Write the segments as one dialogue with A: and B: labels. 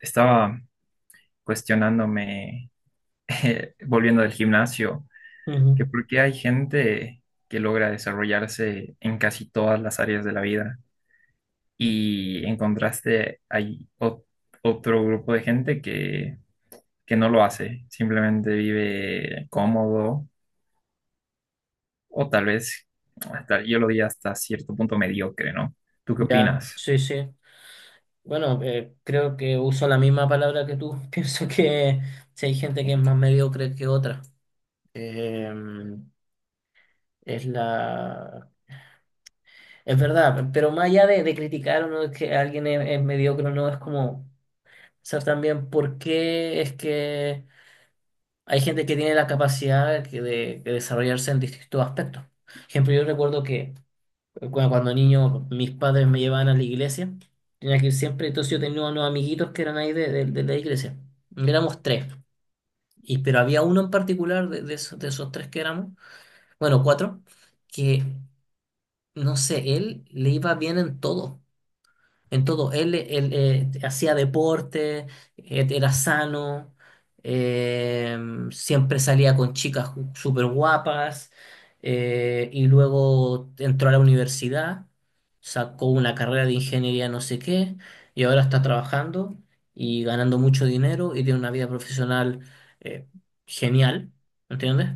A: Estaba cuestionándome, volviendo del gimnasio,
B: Ujú,
A: que por qué hay gente que logra desarrollarse en casi todas las áreas de la vida y en contraste hay otro grupo de gente que no lo hace, simplemente vive cómodo o tal vez, hasta, yo lo diría hasta cierto punto mediocre, ¿no? ¿Tú qué
B: ya,
A: opinas?
B: sí, sí. Bueno, creo que uso la misma palabra que tú. Pienso que si hay gente que es más mediocre que otra. Eh, es la... Es verdad, pero más allá de criticar o no es que alguien es mediocre o no, es como saber también por qué es que hay gente que tiene la capacidad que de desarrollarse en distintos aspectos. Por ejemplo, yo recuerdo que cuando niño, mis padres me llevaban a la iglesia. Tenía que ir siempre. Entonces yo tenía unos amiguitos que eran ahí de la iglesia. Éramos tres. Y pero había uno en particular de esos tres que éramos, bueno, cuatro, que no sé, él le iba bien en todo. En todo, él, hacía deporte, era sano, eh, siempre salía con chicas súper guapas, y luego entró a la universidad, sacó una carrera de ingeniería no sé qué y ahora está trabajando y ganando mucho dinero y tiene una vida profesional, eh, genial, ¿entiendes?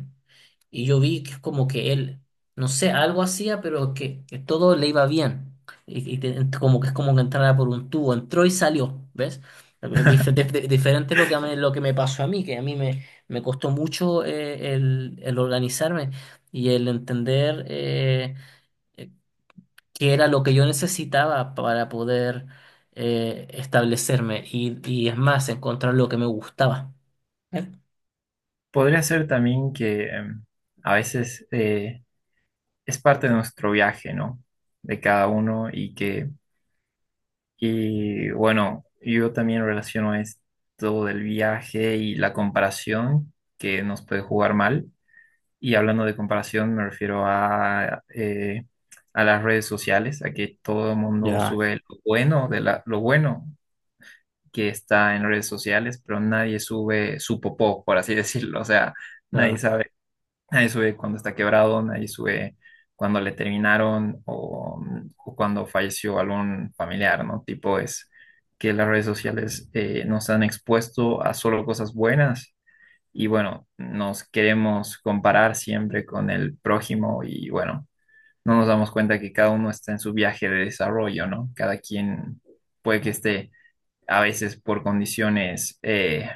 B: Y yo vi que es como que él, no sé, algo hacía, pero que todo le iba bien. Y como que es como que entrara por un tubo, entró y salió, ¿ves? Diferente es lo que, lo que me pasó a mí, que a mí me costó mucho el organizarme y el entender, eh, qué era lo que yo necesitaba para poder, establecerme y es más, encontrar lo que me gustaba. ¿Eh?
A: Podría ser también que a veces... es parte de nuestro viaje, ¿no? De cada uno y que, y bueno, yo también relaciono esto del viaje y la comparación que nos puede jugar mal. Y hablando de comparación, me refiero a las redes sociales, a que todo el mundo sube lo bueno de lo bueno que está en redes sociales, pero nadie sube su popó, por así decirlo. O sea, nadie
B: Claro.
A: sabe. Nadie sube cuando está quebrado, nadie sube cuando le terminaron o cuando falleció algún familiar, ¿no? Tipo es que las redes sociales nos han expuesto a solo cosas buenas y bueno, nos queremos comparar siempre con el prójimo y bueno, no nos damos cuenta que cada uno está en su viaje de desarrollo, ¿no? Cada quien puede que esté a veces por condiciones...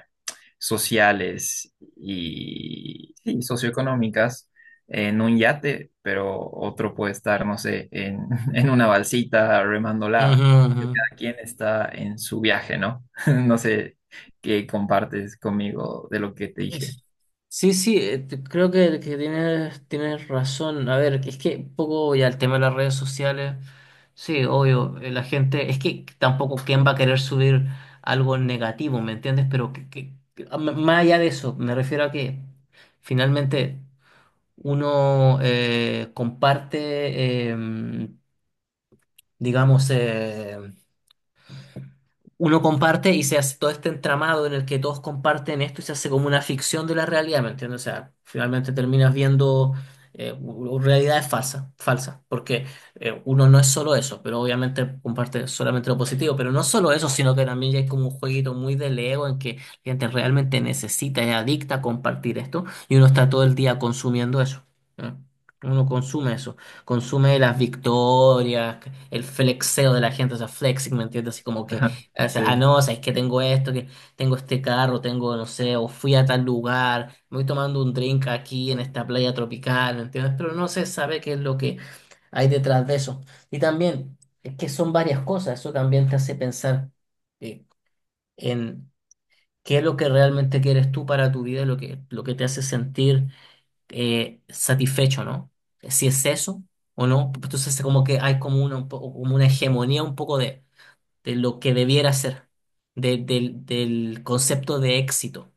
A: sociales y, sí, socioeconómicas en un yate, pero otro puede estar, no sé, en una balsita
B: Ujú,
A: remándola.
B: ujú.
A: Cada quien está en su viaje, ¿no? No sé qué compartes conmigo de lo que te dije.
B: Es- Sí, sí, creo que tienes, tienes razón. A ver, es que un poco ya el tema de las redes sociales, sí, obvio, la gente, es que tampoco quién va a querer subir algo negativo, ¿me entiendes? Pero más allá de eso, me refiero a que finalmente uno, comparte, digamos, uno comparte y se hace todo este entramado en el que todos comparten esto y se hace como una ficción de la realidad, ¿me entiendes? O sea, finalmente terminas viendo, realidades falsas, falsas, porque, uno no es solo eso, pero obviamente comparte solamente lo positivo, pero no solo eso, sino que también ya hay como un jueguito muy del ego en que la gente realmente necesita, es adicta a compartir esto y uno está todo el día consumiendo eso. ¿Eh? Uno consume eso, consume las victorias, el flexeo de la gente, o sea, flexing, ¿me entiendes? Así como que,
A: Ajá,
B: o sea, ah,
A: sí.
B: no, o sea, es que tengo esto, que tengo este carro, tengo, no sé, o fui a tal lugar, me voy tomando un drink aquí en esta playa tropical, ¿me entiendes? Pero no se sabe qué es lo que hay detrás de eso. Y también, es que son varias cosas, eso también te hace pensar, eh, en qué es lo que realmente quieres tú para tu vida, lo lo que te hace sentir, satisfecho, ¿no? Si es eso o no, pues entonces como que hay como una, como una hegemonía un poco de lo que debiera ser, del, del concepto de éxito.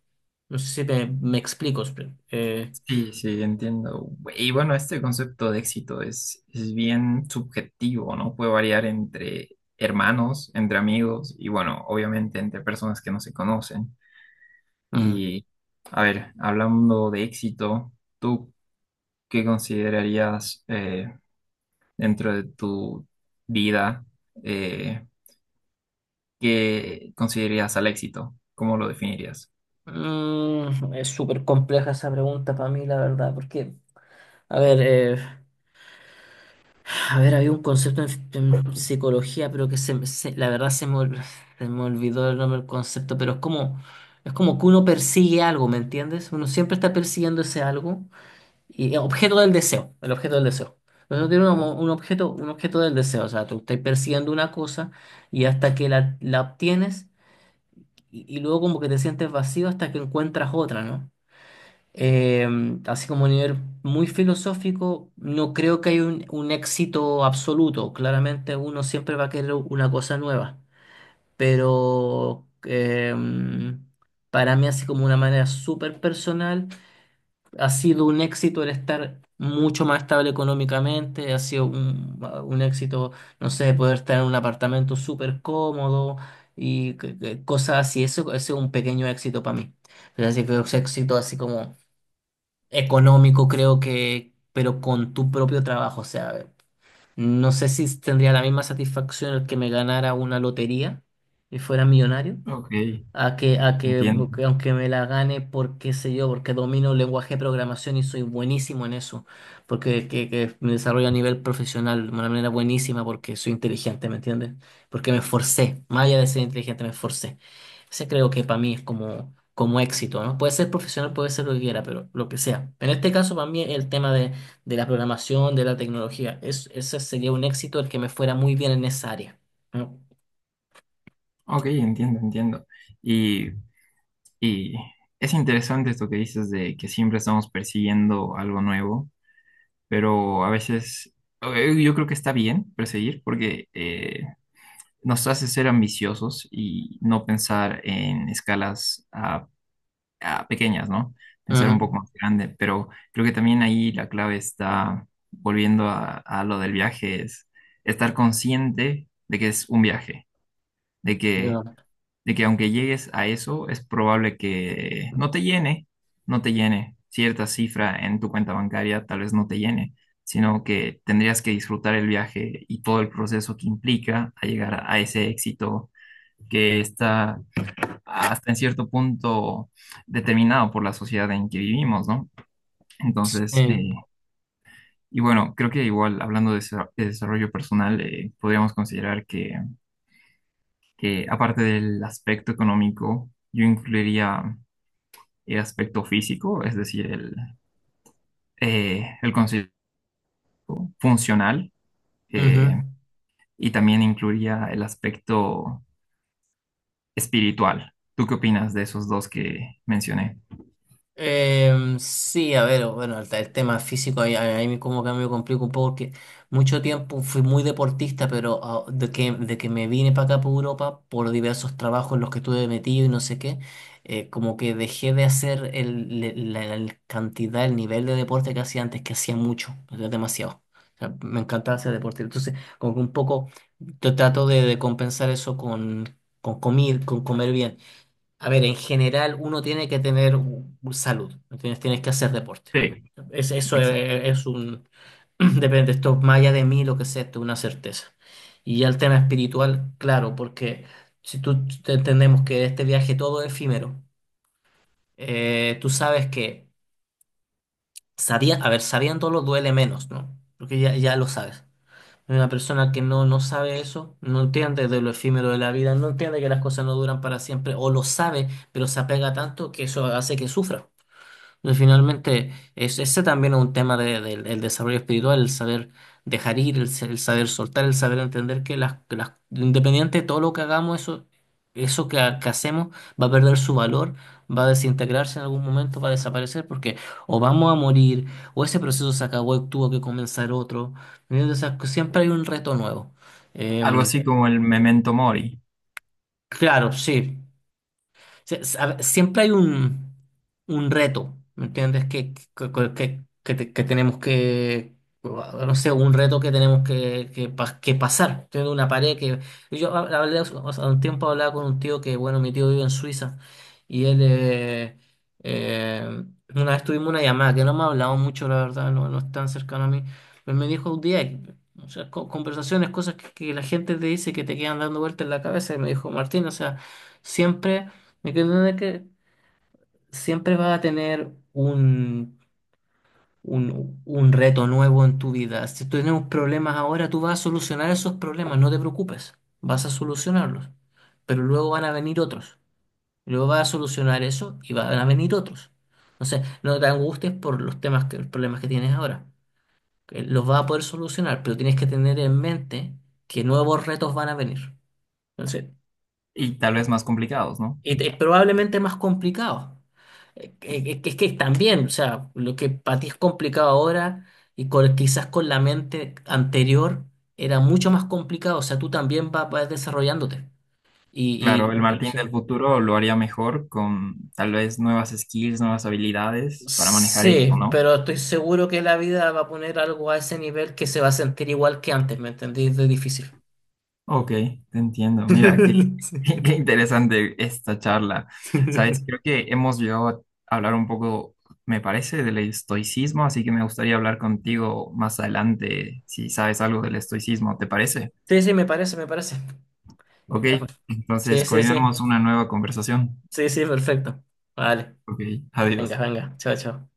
B: No sé si me explico. eh,
A: Sí, sí, entiendo. Y bueno, este concepto de éxito es bien subjetivo, ¿no? Puede variar entre hermanos, entre amigos y bueno, obviamente entre personas que no se conocen.
B: mm.
A: Y, a ver, hablando de éxito, ¿tú qué considerarías dentro de tu vida? eh, ¿Qué considerarías al éxito? ¿Cómo lo definirías?
B: Mm, es súper compleja esa pregunta para mí, la verdad, porque, a ver, eh, a ver, había un concepto en psicología, pero que la verdad se me se me olvidó el nombre del concepto, pero es como que uno persigue algo, ¿me entiendes? Uno siempre está persiguiendo ese algo. Y objeto del deseo, el objeto del deseo. Nosotros tiene un objeto del deseo, o sea, tú estás persiguiendo una cosa y hasta que la obtienes y luego como que te sientes vacío hasta que encuentras otra, ¿no? Eh, así como a nivel muy filosófico, no creo que haya un éxito absoluto. Claramente uno siempre va a querer una cosa nueva, pero, para mí así como una manera súper personal ha sido un éxito el estar mucho más estable económicamente, ha sido un éxito, no sé, poder estar en un apartamento súper cómodo y cosas así. Eso, ese es un pequeño éxito para mí. Pero así que es éxito así como económico, creo que, pero con tu propio trabajo, o sea, no sé si tendría la misma satisfacción el que me ganara una lotería y fuera millonario
A: Ok,
B: a
A: entiendo.
B: que aunque me la gane por qué sé yo, porque domino el lenguaje de programación y soy buenísimo en eso, porque que me desarrollo a nivel profesional de una manera buenísima porque soy inteligente, ¿me entiendes? Porque me esforcé, más allá de ser inteligente, me esforcé. Ese creo que para mí es como, como éxito, ¿no? Puede ser profesional, puede ser lo que quiera, pero lo que sea. En este caso, para mí, el tema de la programación, de la tecnología, es, ese sería un éxito el que me fuera muy bien en esa área, ¿no?
A: Ok, entiendo, entiendo. Y, y es interesante esto que dices de que siempre estamos persiguiendo algo nuevo, pero a veces yo creo que está bien perseguir porque... nos hace ser ambiciosos y no pensar en escalas pequeñas, ¿no? Pensar un
B: Ujú.
A: poco más grande, pero creo que también ahí la clave está, volviendo a lo del viaje, es estar consciente de que es un viaje, de
B: Ya.
A: que, de que aunque llegues a eso, es probable que no te llene, no te llene cierta cifra en tu cuenta bancaria, tal vez no te llene sino que tendrías que disfrutar el viaje y todo el proceso que implica a llegar a ese éxito que está hasta en cierto punto determinado por la sociedad en que vivimos, ¿no?
B: Sí.
A: Entonces, y bueno, creo que igual hablando de, de desarrollo personal, podríamos considerar que aparte del aspecto económico, yo incluiría el aspecto físico, es decir, el concepto funcional,
B: Ujú.
A: eh, y también incluiría el aspecto espiritual. ¿Tú qué opinas de esos dos que mencioné?
B: Sí, a ver, bueno, el tema físico ahí, ahí como que me complica un poco porque mucho tiempo fui muy deportista, pero ah, de que me vine para acá, por Europa, por diversos trabajos en los que estuve metido y no sé qué, como que dejé de hacer la cantidad, el nivel de deporte que hacía antes, que hacía mucho, era demasiado. O sea, me encantaba hacer deporte. Entonces, como que un poco yo trato de compensar eso con comer bien. A ver, en general uno tiene que tener salud, ¿entiendes? Tienes que hacer deporte.
A: Sí,
B: Es, eso
A: exacto.
B: es un... Depende, esto más allá de mí, lo que sea, esto es una certeza. Y ya el tema espiritual, claro, porque si entendemos que este viaje todo es efímero, tú sabes que, sabía, a ver, sabiéndolo duele menos, ¿no? Porque ya, ya lo sabes. Una persona que no, no sabe eso, no entiende de lo efímero de la vida, no entiende que las cosas no duran para siempre, o lo sabe, pero se apega tanto que eso hace que sufra. Y finalmente, es, ese también es un tema del desarrollo espiritual, el saber dejar ir, el saber soltar, el saber entender que que las, independiente de todo lo que hagamos, eso que, que hacemos va a perder su valor, va a desintegrarse en algún momento, va a desaparecer, porque o vamos a morir, o ese proceso se acabó y tuvo que comenzar otro. ¿Me entiendes? O sea, que siempre hay un reto nuevo.
A: Algo
B: Em,
A: así como el Memento Mori.
B: claro, sí. A ver, siempre hay un reto, ¿me entiendes? Que tenemos que, no sé, un reto que tenemos que pasar. Tengo una pared que... Yo hablé, hace un tiempo hablaba con un tío que, bueno, mi tío vive en Suiza y él... eh, una vez tuvimos una llamada que no me ha hablado mucho, la verdad, no, no es tan cercano a mí, pero me dijo un día... O sea, conversaciones, cosas que la gente te dice que te quedan dando vueltas en la cabeza y me dijo, Martín, o sea, siempre que siempre vas a tener un reto nuevo en tu vida. Si tú tienes problemas ahora, tú vas a solucionar esos problemas, no te preocupes, vas a solucionarlos. Pero luego van a venir otros. Luego vas a solucionar eso y van a venir otros. Entonces, no te angusties por los temas que, los problemas que tienes ahora. Que Los vas a poder solucionar, pero tienes que tener en mente que nuevos retos van a venir. Entonces,
A: Y tal vez más complicados, ¿no?
B: y es probablemente más complicado. Que Es que también, o sea, lo que para ti es complicado ahora y quizás con la mente anterior era mucho más complicado, o sea, tú también vas desarrollándote.
A: Claro, el
B: Y o
A: Martín
B: sea,
A: del futuro lo haría mejor con tal vez nuevas skills, nuevas habilidades para manejar esto,
B: sí,
A: ¿no?
B: pero estoy seguro que la vida va a poner algo a ese nivel que se va a sentir igual que antes, ¿me entendís? De difícil.
A: Ok, te entiendo. Mira, qué, qué interesante esta charla. Sabes, creo que hemos llegado a hablar un poco, me parece, del estoicismo, así que me gustaría hablar contigo más adelante si sabes algo del estoicismo, ¿te parece?
B: Sí, sí, sí, me parece, me parece.
A: Ok,
B: Ya, pues. Sí,
A: entonces
B: sí, sí.
A: coordinamos una nueva conversación.
B: Sí, sí, perfecto. Vale.
A: Ok,
B: Venga,
A: adiós.
B: venga. Chao, chao.